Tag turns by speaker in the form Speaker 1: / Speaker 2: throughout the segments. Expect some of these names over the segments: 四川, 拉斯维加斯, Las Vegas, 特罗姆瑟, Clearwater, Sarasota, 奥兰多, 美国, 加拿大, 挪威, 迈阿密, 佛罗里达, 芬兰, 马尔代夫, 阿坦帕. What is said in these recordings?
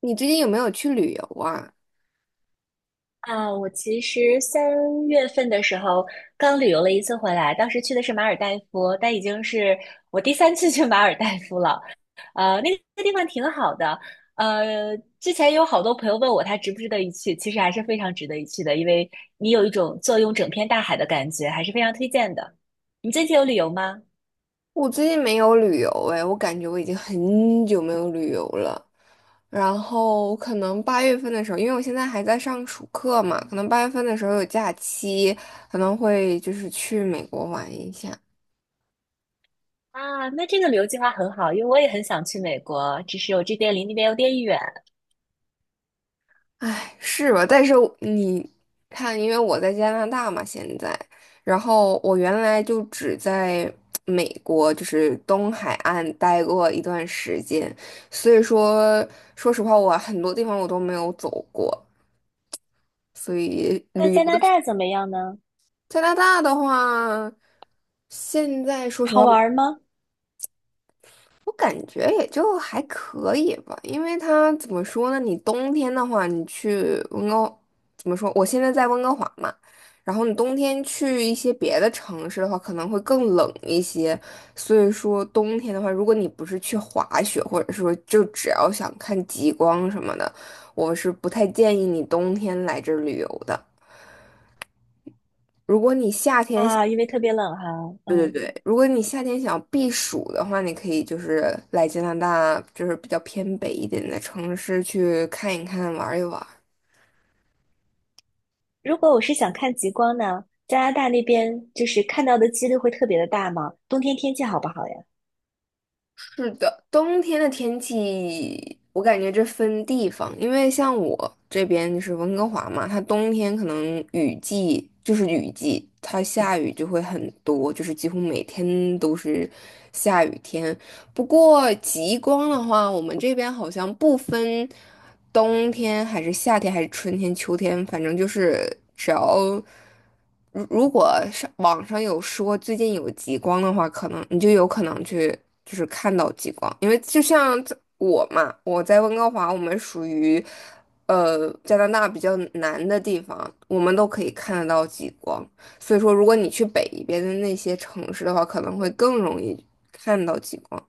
Speaker 1: 你最近有没有去旅游啊？
Speaker 2: 啊，我其实3月份的时候刚旅游了一次回来，当时去的是马尔代夫，但已经是我第三次去马尔代夫了。那个地方挺好的。呃，之前有好多朋友问我它值不值得一去，其实还是非常值得一去的，因为你有一种坐拥整片大海的感觉，还是非常推荐的。你最近有旅游吗？
Speaker 1: 我最近没有旅游哎，我感觉我已经很久没有旅游了。然后可能八月份的时候，因为我现在还在上暑课嘛，可能八月份的时候有假期，可能会就是去美国玩一下。
Speaker 2: 啊，那这个旅游计划很好，因为我也很想去美国，只是我这边离那边有点远。
Speaker 1: 唉，是吧？但是你看，因为我在加拿大嘛，现在，然后我原来就只在美国，就是东海岸待过一段时间，所以说，说实话，我很多地方我都没有走过，所以
Speaker 2: 那
Speaker 1: 旅
Speaker 2: 加拿
Speaker 1: 游。
Speaker 2: 大怎么样呢？
Speaker 1: 加拿大的话，现在说实
Speaker 2: 好
Speaker 1: 话。
Speaker 2: 玩吗？
Speaker 1: 我感觉也就还可以吧，因为它怎么说呢？你冬天的话，你去温哥，怎么说？我现在在温哥华嘛，然后你冬天去一些别的城市的话，可能会更冷一些。所以说，冬天的话，如果你不是去滑雪，或者说就只要想看极光什么的，我是不太建议你冬天来这儿旅游的。如果你夏天
Speaker 2: 啊，因为特别冷哈，
Speaker 1: 对对
Speaker 2: 嗯，
Speaker 1: 对，如果你夏天想避暑的话，你可以就是来加拿大，就是比较偏北一点的城市去看一看、玩一玩。
Speaker 2: 如果我是想看极光呢，加拿大那边就是看到的几率会特别的大吗？冬天天气好不好呀？
Speaker 1: 是的，冬天的天气，我感觉这分地方，因为像我这边就是温哥华嘛，它冬天可能雨季就是雨季，它下雨就会很多，就是几乎每天都是下雨天。不过极光的话，我们这边好像不分冬天还是夏天还是春天、秋天，反正就是只要如果上网上有说最近有极光的话，可能你就有可能去就是看到极光，因为就像在我嘛，我在温哥华，我们属于加拿大比较南的地方，我们都可以看得到极光。所以说，如果你去北边的那些城市的话，可能会更容易看到极光。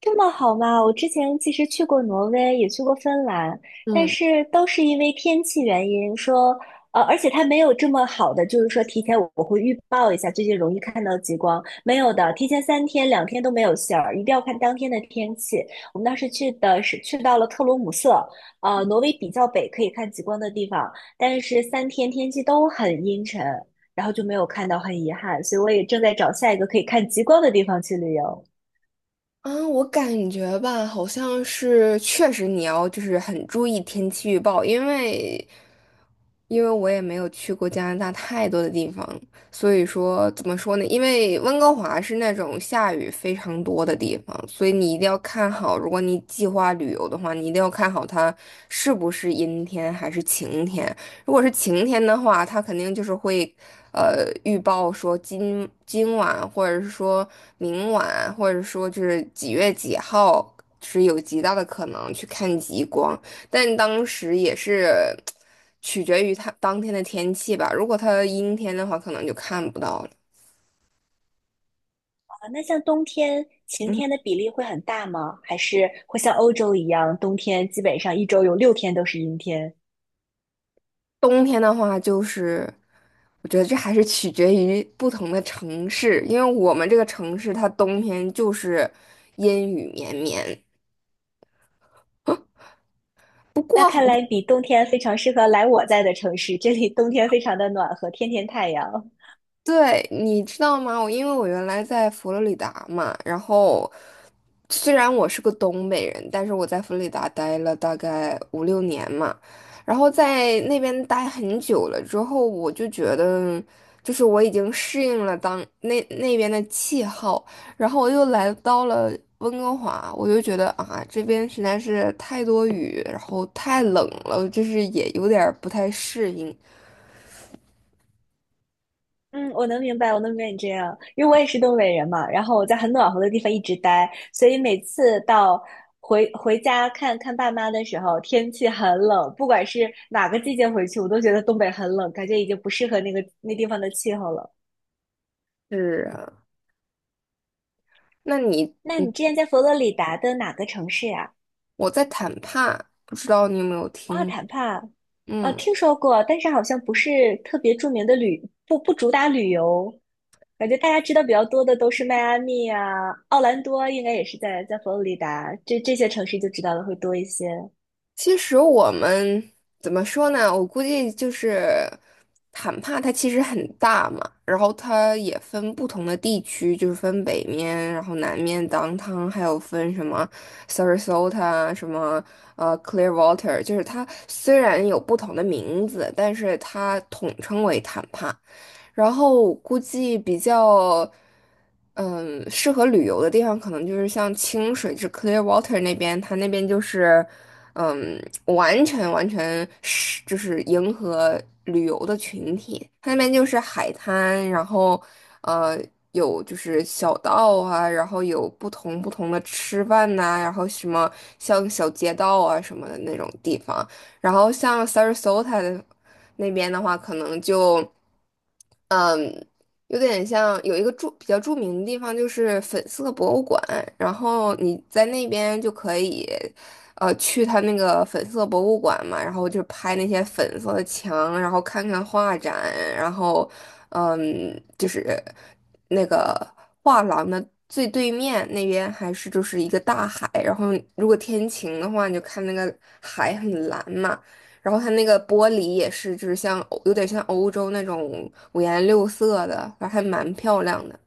Speaker 2: 这么好吗？我之前其实去过挪威，也去过芬兰，但
Speaker 1: 嗯，
Speaker 2: 是都是因为天气原因说，而且它没有这么好的，就是说提前我会预报一下最近容易看到极光，没有的，提前三天两天都没有信儿，一定要看当天的天气。我们当时去的是去到了特罗姆瑟，挪威比较北可以看极光的地方，但是三天天气都很阴沉，然后就没有看到，很遗憾，所以我也正在找下一个可以看极光的地方去旅游。
Speaker 1: 啊，我感觉吧，好像是确实你要就是很注意天气预报，因为我也没有去过加拿大太多的地方，所以说怎么说呢？因为温哥华是那种下雨非常多的地方，所以你一定要看好，如果你计划旅游的话，你一定要看好它是不是阴天还是晴天。如果是晴天的话，它肯定就是会，预报说今晚或者是说明晚，或者说就是几月几号是有极大的可能去看极光。但当时也是。取决于它当天的天气吧。如果它阴天的话，可能就看不到了。
Speaker 2: 啊，那像冬天晴
Speaker 1: 嗯，
Speaker 2: 天的比例会很大吗？还是会像欧洲一样，冬天基本上一周有6天都是阴天？
Speaker 1: 冬天的话，就是我觉得这还是取决于不同的城市，因为我们这个城市它冬天就是阴雨绵绵，
Speaker 2: 那看来你冬天非常适合来我在的城市，这里冬天非常的暖和，天天太阳。
Speaker 1: 对，你知道吗？我因为我原来在佛罗里达嘛，然后虽然我是个东北人，但是我在佛罗里达待了大概五六年嘛，然后在那边待很久了之后，我就觉得就是我已经适应了那边的气候，然后我又来到了温哥华，我就觉得啊，这边实在是太多雨，然后太冷了，就是也有点儿不太适应。
Speaker 2: 嗯，我能明白，我能明白你这样，因为我也是东北人嘛，然后我在很暖和的地方一直待，所以每次到回家看看爸妈的时候，天气很冷，不管是哪个季节回去，我都觉得东北很冷，感觉已经不适合那个那地方的气候了。
Speaker 1: 是啊，那你？
Speaker 2: 那你之前在佛罗里达的哪个城市呀？
Speaker 1: 我在谈判，不知道你有没有
Speaker 2: 阿
Speaker 1: 听？
Speaker 2: 坦帕，啊，
Speaker 1: 嗯，
Speaker 2: 听说过，但是好像不是特别著名的不主打旅游，感觉大家知道比较多的都是迈阿密啊、奥兰多，应该也是在佛罗里达，这些城市就知道的会多一些。
Speaker 1: 其实我们怎么说呢？我估计就是坦帕，它其实很大嘛，然后它也分不同的地区，就是分北面，然后南面 downtown，还有分什么 Sarasota，什么Clearwater，就是它虽然有不同的名字，但是它统称为坦帕。然后估计比较，嗯，适合旅游的地方，可能就是像清水，就是 Clearwater 那边，它那边就是。嗯，完全是就是迎合旅游的群体。它那边就是海滩，然后呃有就是小道啊，然后有不同的吃饭呐、然后什么像小街道啊什么的那种地方。然后像 Sarasota 的那边的话，可能就。有点像有一个比较著名的地方就是粉色博物馆，然后你在那边就可以，去它那个粉色博物馆嘛，然后就拍那些粉色的墙，然后看看画展，然后，嗯，就是那个画廊的最对面那边还是就是一个大海，然后如果天晴的话，你就看那个海很蓝嘛。然后它那个玻璃也是，就是像有点像欧洲那种五颜六色的，反正还蛮漂亮的。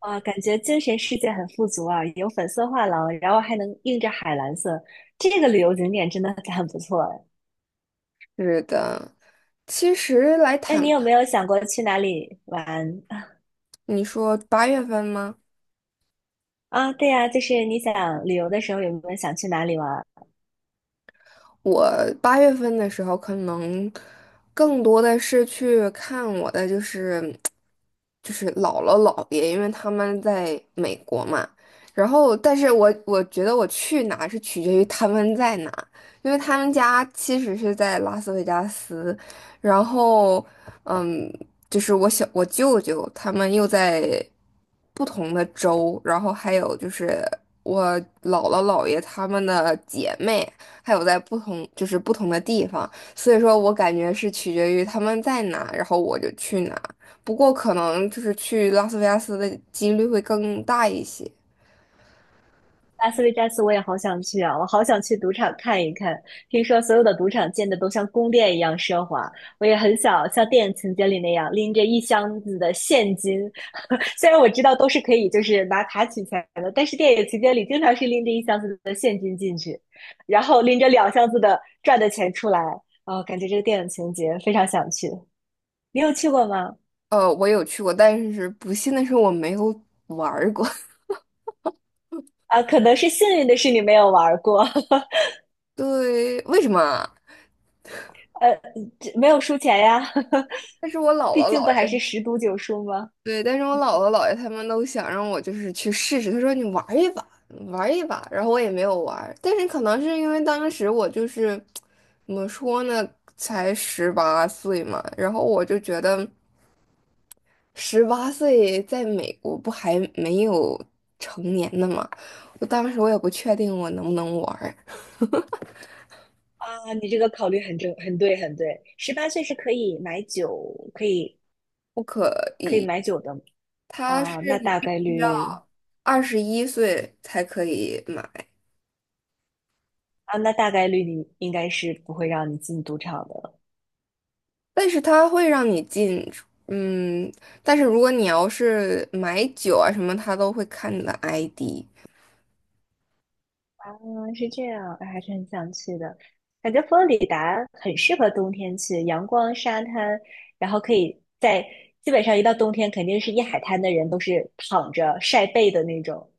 Speaker 2: 啊，感觉精神世界很富足啊，有粉色画廊，然后还能映着海蓝色，这个旅游景点真的很不错哎。
Speaker 1: 是的，其实来
Speaker 2: 那你
Speaker 1: 谈，
Speaker 2: 有没有想过去哪里玩？
Speaker 1: 你说八月份吗？
Speaker 2: 啊，对呀，就是你想旅游的时候有没有想去哪里玩儿？
Speaker 1: 我八月份的时候，可能更多的是去看我的，就是姥姥姥爷，因为他们在美国嘛。然后，但是我觉得我去哪是取决于他们在哪，因为他们家其实是在拉斯维加斯，然后嗯，就是我舅舅他们又在不同的州，然后还有就是我姥姥姥爷他们的姐妹。还有在不同的地方，所以说我感觉是取决于他们在哪，然后我就去哪。不过可能就是去拉斯维加斯的几率会更大一些。
Speaker 2: 拉斯维加斯我也好想去啊，我好想去赌场看一看。听说所有的赌场建的都像宫殿一样奢华，我也很想像电影情节里那样拎着一箱子的现金。虽然我知道都是可以就是拿卡取钱的，但是电影情节里经常是拎着一箱子的现金进去，然后拎着两箱子的赚的钱出来。哦，感觉这个电影情节非常想去。你有去过吗？
Speaker 1: 我有去过，但是不幸的是我没有玩儿过。
Speaker 2: 啊，可能是幸运的是你没有玩儿过。
Speaker 1: 对，为什么啊？
Speaker 2: 呃，这没有输钱呀，
Speaker 1: 但是我姥
Speaker 2: 毕
Speaker 1: 姥
Speaker 2: 竟
Speaker 1: 姥
Speaker 2: 不还
Speaker 1: 爷。
Speaker 2: 是十赌九输吗？
Speaker 1: 对，但是我姥姥姥爷他们都想让我就是去试试，他说你玩儿一把，玩儿一把，然后我也没有玩儿但是可能是因为当时我就是怎么说呢，才十八岁嘛，然后我就觉得十八岁在美国不还没有成年呢嘛，我当时我也不确定我能不能玩儿
Speaker 2: 啊，你这个考虑很正，很对，很对。18岁是可以买酒，可以
Speaker 1: 不可
Speaker 2: 可以
Speaker 1: 以，
Speaker 2: 买酒的
Speaker 1: 它
Speaker 2: 啊。
Speaker 1: 是你必须要21岁才可以买。
Speaker 2: 那大概率你应该是不会让你进赌场的。
Speaker 1: 但是它会让你进出嗯，但是如果你要是买酒啊什么，它都会看你的 ID。
Speaker 2: 啊，是这样，哎还是很想去的。感觉佛罗里达很适合冬天去，阳光、沙滩，然后可以在基本上一到冬天，肯定是一海滩的人都是躺着晒背的那种。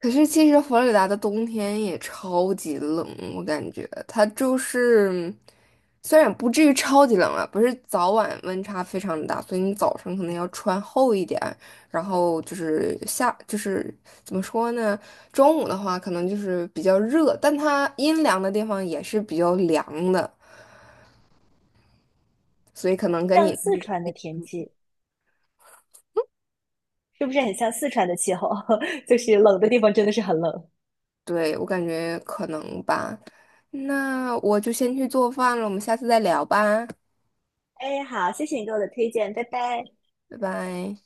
Speaker 1: 可是其实佛罗里达的冬天也超级冷，我感觉它就是虽然不至于超级冷啊，不是早晚温差非常大，所以你早上可能要穿厚一点，然后就是就是怎么说呢，中午的话可能就是比较热，但它阴凉的地方也是比较凉的。所以可能跟
Speaker 2: 像
Speaker 1: 你
Speaker 2: 四川的天气，是不是很像四川的气候？就是冷的地方真的是很冷。
Speaker 1: 对，我感觉可能吧。那我就先去做饭了，我们下次再聊吧，
Speaker 2: 哎，好，谢谢你给我的推荐，拜拜。
Speaker 1: 拜拜。